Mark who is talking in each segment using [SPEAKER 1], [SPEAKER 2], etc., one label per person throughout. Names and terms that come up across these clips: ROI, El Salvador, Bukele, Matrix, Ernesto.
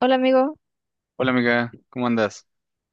[SPEAKER 1] Hola amigo,
[SPEAKER 2] Hola amiga, ¿cómo andas?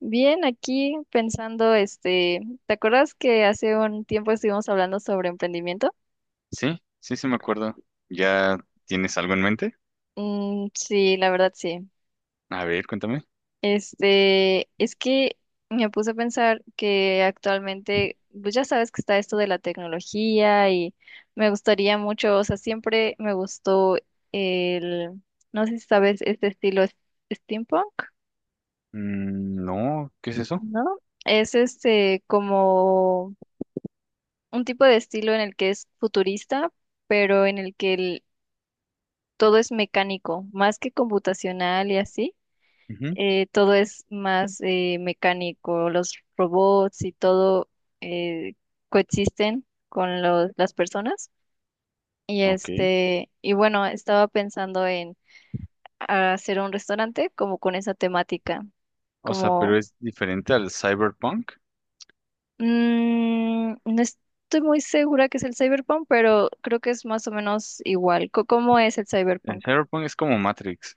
[SPEAKER 1] bien aquí pensando, ¿te acuerdas que hace un tiempo estuvimos hablando sobre emprendimiento?
[SPEAKER 2] Sí, sí, sí me acuerdo. ¿Ya tienes algo en mente?
[SPEAKER 1] Mm, sí, la verdad sí.
[SPEAKER 2] A ver, cuéntame.
[SPEAKER 1] Es que me puse a pensar que actualmente, pues ya sabes que está esto de la tecnología y me gustaría mucho, o sea, siempre me gustó el, no sé si sabes este estilo steampunk,
[SPEAKER 2] Mm, no, ¿qué es eso?
[SPEAKER 1] ¿no? Es este como un tipo de estilo en el que es futurista, pero en el que todo es mecánico, más que computacional y así.
[SPEAKER 2] Ujú,
[SPEAKER 1] Todo es más mecánico, los robots y todo eh, coexisten con las personas. Y
[SPEAKER 2] ok.
[SPEAKER 1] y bueno, estaba pensando en hacer un restaurante como con esa temática,
[SPEAKER 2] O sea, pero
[SPEAKER 1] como.
[SPEAKER 2] es diferente al cyberpunk.
[SPEAKER 1] Mm, no estoy muy segura que es el cyberpunk, pero creo que es más o menos igual. ¿Cómo es el
[SPEAKER 2] El
[SPEAKER 1] cyberpunk?
[SPEAKER 2] cyberpunk es como Matrix.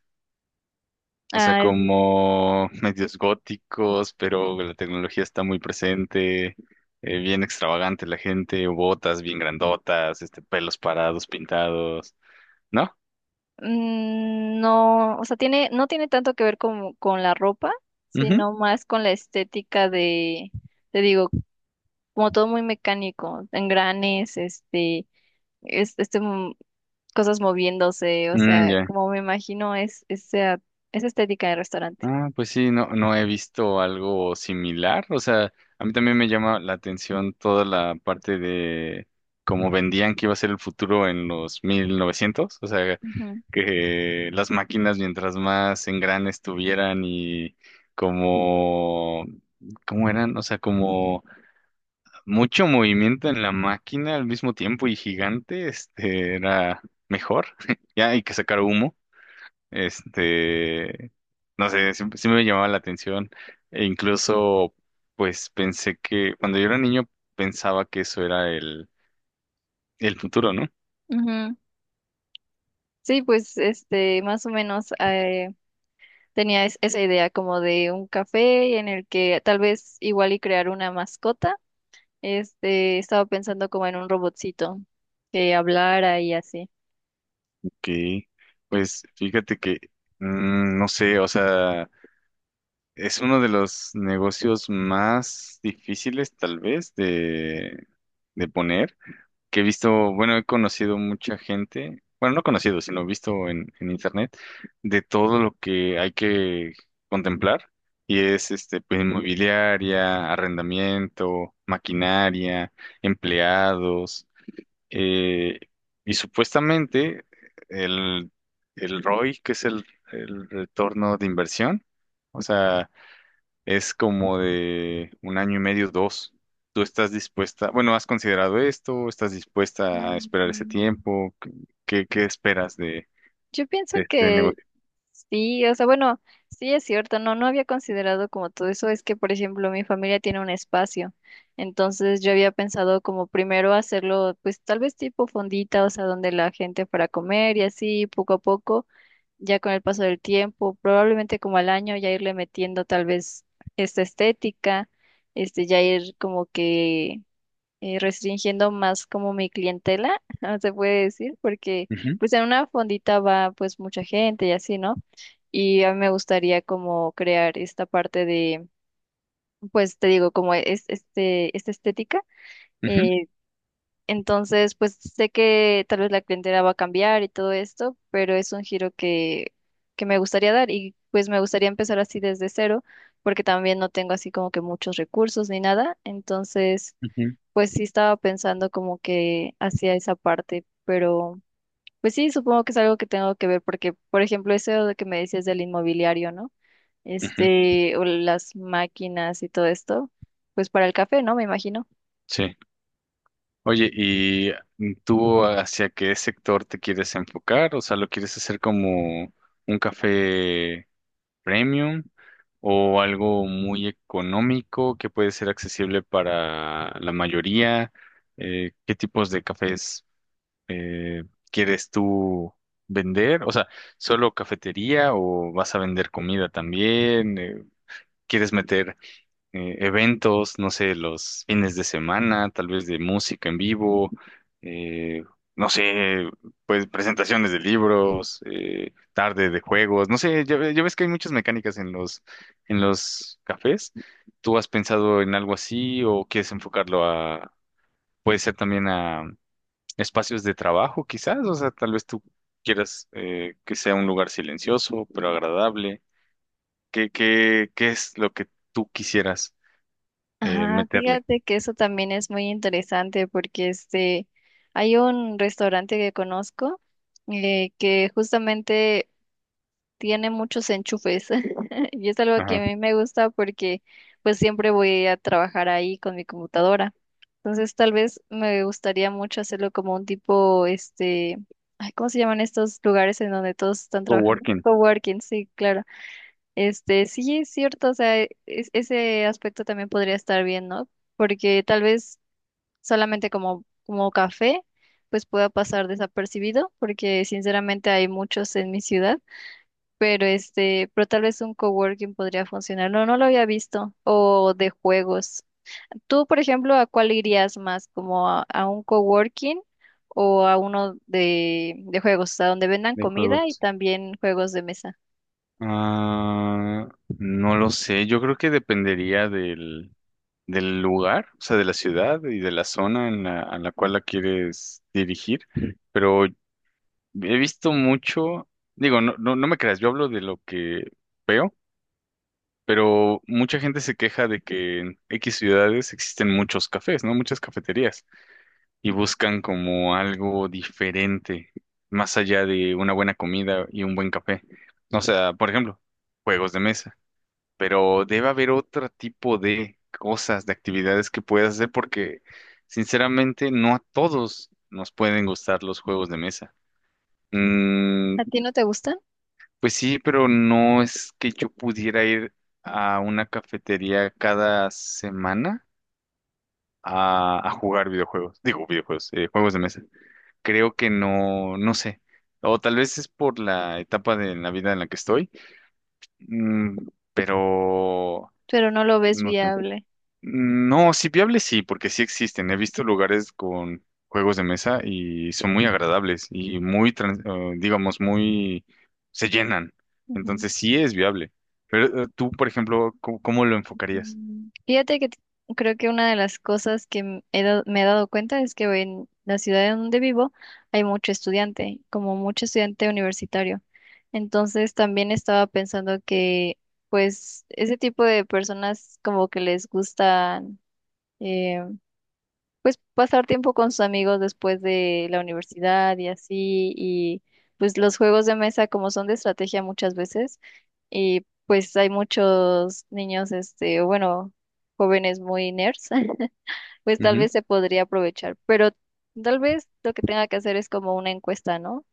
[SPEAKER 2] O sea,
[SPEAKER 1] Ah,
[SPEAKER 2] como medios góticos, pero la tecnología está muy presente. Bien extravagante la gente, botas bien grandotas, este, pelos parados, pintados, ¿no?
[SPEAKER 1] mm, no, o sea, tiene, no tiene tanto que ver con la ropa,
[SPEAKER 2] Ujú.
[SPEAKER 1] sino más con la estética de, te digo, como todo muy mecánico, engranes, es- este, mm, cosas moviéndose, o
[SPEAKER 2] Mm,
[SPEAKER 1] sea,
[SPEAKER 2] ya.
[SPEAKER 1] como me imagino es esa, esa estética de restaurante.
[SPEAKER 2] Ah, pues sí, no, no he visto algo similar. O sea, a mí también me llama la atención toda la parte de cómo vendían que iba a ser el futuro en los 1900. O sea,
[SPEAKER 1] Ujú,
[SPEAKER 2] que las máquinas mientras más engranes tuvieran y como, ¿cómo eran? O sea, como mucho movimiento en la máquina al mismo tiempo y gigante, este, era mejor. Ya hay que sacar humo. Este, no sé, sí, sí me llamaba la atención e incluso pues pensé que cuando yo era niño pensaba que eso era el futuro, ¿no?
[SPEAKER 1] ujú. Sí, pues, más o menos. Tenía esa idea como de un café en el que tal vez igual y crear una mascota. Estaba pensando como en un robotcito que hablara y así.
[SPEAKER 2] Que pues fíjate que no sé, o sea, es uno de los negocios más difíciles tal vez de poner. Que he visto, bueno, he conocido mucha gente, bueno, no conocido, sino visto en internet, de todo lo que hay que contemplar, y es este, pues, inmobiliaria, arrendamiento, maquinaria, empleados, eh, y supuestamente el, el ROI, que es el retorno de inversión, o sea, es como de un año y medio, dos. ¿Tú estás dispuesta? Bueno, ¿has considerado esto? ¿Estás dispuesta a esperar ese
[SPEAKER 1] Mm.
[SPEAKER 2] tiempo? ¿Qué, qué esperas
[SPEAKER 1] Yo pienso
[SPEAKER 2] de este
[SPEAKER 1] que
[SPEAKER 2] negocio?
[SPEAKER 1] sí, o sea, bueno, sí es cierto, no, no había considerado como todo eso, es que, por ejemplo, mi familia tiene un espacio, entonces yo había pensado como primero hacerlo, pues tal vez tipo fondita, o sea, donde la gente para comer y así, poco a poco, ya con el paso del tiempo, probablemente como al año ya irle metiendo tal vez esta estética, ya ir como que restringiendo más como mi clientela, ah, se puede decir, porque
[SPEAKER 2] Ujú,
[SPEAKER 1] pues en una fondita va pues mucha gente y así, ¿no? Y a mí me gustaría como crear esta parte de, pues te digo, como es, esta estética.
[SPEAKER 2] ujú,
[SPEAKER 1] eh, entonces, pues sé que tal vez la clientela va a cambiar y todo esto, pero es un giro que me gustaría dar y pues me gustaría empezar así desde cero, porque también no tengo así como que muchos recursos ni nada. Entonces,
[SPEAKER 2] ujú,
[SPEAKER 1] pues sí estaba pensando como que hacía esa parte, pero pues sí, supongo que es algo que tengo que ver porque, por ejemplo, eso de que me decías del inmobiliario, ¿no?
[SPEAKER 2] ujú.
[SPEAKER 1] O las máquinas y todo esto, pues para el café, ¿no? Me imagino.
[SPEAKER 2] Sí. Oye, ¿y tú hacia qué sector te quieres enfocar? O sea, ¿lo quieres hacer como un café premium o algo muy económico que puede ser accesible para la mayoría? ¿Qué tipos de cafés? eh, ¿Quieres tú vender? O sea, ¿solo cafetería o vas a vender comida también? ¿Quieres meter eventos, no sé, los fines de semana, tal vez de música en vivo? Eh, no sé, pues presentaciones de libros, tarde de juegos, no sé, ya, ya ves que hay muchas mecánicas en los cafés. ¿Tú has pensado en algo así o quieres enfocarlo a, puede ser también espacios de trabajo, quizás, o sea, tal vez tú quieras que sea un lugar silencioso, pero agradable. ¿Qué, qué, qué es lo que tú quisieras
[SPEAKER 1] Ah,
[SPEAKER 2] meterle?
[SPEAKER 1] fíjate que eso también es muy interesante porque hay un restaurante que conozco que justamente tiene muchos enchufes y es algo que a
[SPEAKER 2] Ajá.
[SPEAKER 1] mí me gusta porque pues siempre voy a trabajar ahí con mi computadora. Entonces tal vez me gustaría mucho hacerlo como un tipo, ay, ¿cómo se llaman estos lugares en donde todos están trabajando?
[SPEAKER 2] Coworking
[SPEAKER 1] Coworking, sí, claro. Sí, es cierto, o sea, ese aspecto también podría estar bien, ¿no? Porque tal vez solamente como, como café, pues pueda pasar desapercibido, porque sinceramente hay muchos en mi ciudad pero pero tal vez un coworking podría funcionar. No, no lo había visto. O de juegos. Tú, por ejemplo, ¿a cuál irías más? ¿Como a un coworking o a uno de juegos, a donde vendan
[SPEAKER 2] de
[SPEAKER 1] comida y
[SPEAKER 2] juegos.
[SPEAKER 1] también juegos de mesa?
[SPEAKER 2] Ah, no lo sé, yo creo que dependería del, del lugar, o sea, de la ciudad y de la zona en la, a la cual la quieres dirigir, pero he visto mucho, digo, no, no, no me creas, yo hablo de lo que veo pero mucha gente se queja de que en X ciudades existen muchos cafés, ¿no? Muchas cafeterías y buscan como algo diferente, más allá de una buena comida y un buen café. O sea, por ejemplo, juegos de mesa, pero debe haber otro tipo de cosas, de actividades que puedas hacer porque sinceramente no a todos nos pueden gustar los juegos de mesa.
[SPEAKER 1] ¿A ti
[SPEAKER 2] Mm,
[SPEAKER 1] no te gustan?
[SPEAKER 2] pues sí, pero no es que yo pudiera ir a una cafetería cada semana a jugar videojuegos. Digo, videojuegos, juegos de mesa. Creo que no, no sé. O tal vez es por la etapa de la vida en la que estoy, mm, pero
[SPEAKER 1] Pero no lo ves
[SPEAKER 2] no sé.
[SPEAKER 1] viable.
[SPEAKER 2] No, sí viable sí, porque sí existen. He visto lugares con juegos de mesa y son muy agradables y muy, digamos, muy, se llenan. Entonces sí es viable. Pero tú, por ejemplo, ¿cómo, cómo lo enfocarías?
[SPEAKER 1] Mm, fíjate que creo que una de las cosas que me he dado cuenta es que en la ciudad en donde vivo hay mucho estudiante, como mucho estudiante universitario. Entonces también estaba pensando que pues ese tipo de personas como que les gusta pues pasar tiempo con sus amigos después de la universidad y así, y pues los juegos de mesa como son de estrategia muchas veces, y pues hay muchos niños, o bueno, jóvenes muy nerds, pues tal
[SPEAKER 2] Ujú.
[SPEAKER 1] vez se podría aprovechar, pero tal vez lo que tenga que hacer es como una encuesta, ¿no?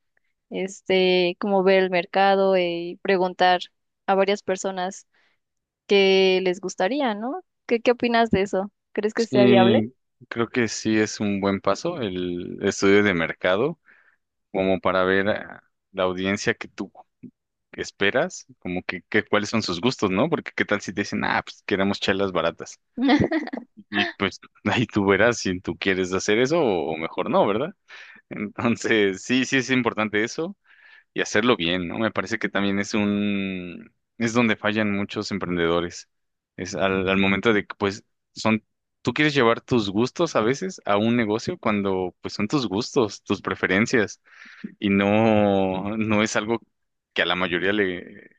[SPEAKER 1] Como ver el mercado y preguntar a varias personas qué les gustaría, ¿no? ¿Qué, qué opinas de eso? ¿Crees que sea viable?
[SPEAKER 2] Sí, creo que sí es un buen paso el estudio de mercado, como para ver a la audiencia que tú esperas, como que cuáles son sus gustos, ¿no? Porque qué tal si te dicen, ah, pues queremos chelas baratas. Y pues ahí tú verás si tú quieres hacer eso o mejor no, ¿verdad? Entonces, sí, sí es importante eso y hacerlo bien, ¿no? Me parece que también es un, es donde fallan muchos emprendedores. Es al, al momento de que, pues, son, tú quieres llevar tus gustos a veces a un negocio cuando, pues, son tus gustos, tus preferencias y no, no es algo que a la mayoría le,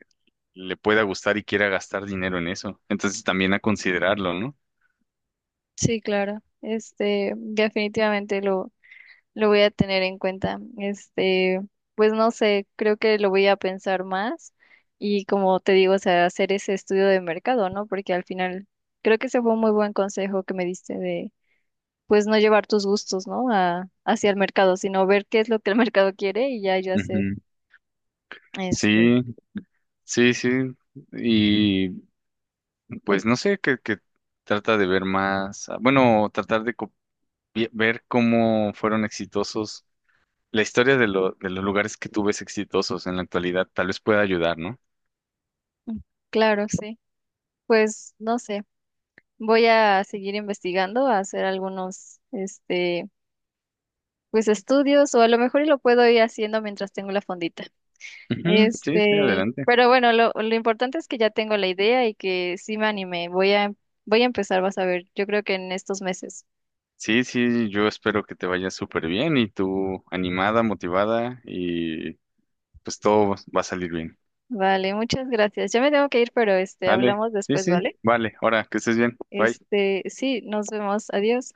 [SPEAKER 2] le pueda gustar y quiera gastar dinero en eso. Entonces, también a considerarlo, ¿no?
[SPEAKER 1] Sí, claro. Definitivamente lo voy a tener en cuenta. Pues no sé, creo que lo voy a pensar más y como te digo, o sea, hacer ese estudio de mercado, ¿no? Porque al final creo que ese fue un muy buen consejo que me diste de, pues no llevar tus gustos, ¿no? A, hacia el mercado, sino ver qué es lo que el mercado quiere y ya yo hacer.
[SPEAKER 2] Ujú.
[SPEAKER 1] Este,
[SPEAKER 2] Sí, sí, sí, y pues no sé, que trata de ver más, ah, bueno, ver cómo fueron exitosos, la historia de, lo, de los lugares que tú ves exitosos en la actualidad, tal vez pueda ayudar, ¿no?
[SPEAKER 1] mm, claro, sí. Pues no sé, voy a seguir investigando, a hacer algunos, pues estudios o a lo mejor y lo puedo ir haciendo mientras tengo la fondita.
[SPEAKER 2] Ujú, sí, sí, adelante.
[SPEAKER 1] Pero bueno, lo importante es que ya tengo la idea y que sí me animé. Voy a, voy a empezar, vas a ver, yo creo que en estos meses.
[SPEAKER 2] Sí, sí, yo espero que te vaya súper bien y tú animada, motivada y pues todo va a salir bien.
[SPEAKER 1] Vale, muchas gracias. Ya me tengo que ir, pero
[SPEAKER 2] Dale,
[SPEAKER 1] hablamos
[SPEAKER 2] sí,
[SPEAKER 1] después,
[SPEAKER 2] sí,
[SPEAKER 1] ¿vale?
[SPEAKER 2] vale, ahora que estés bien, bye.
[SPEAKER 1] Sí, nos vemos. Adiós.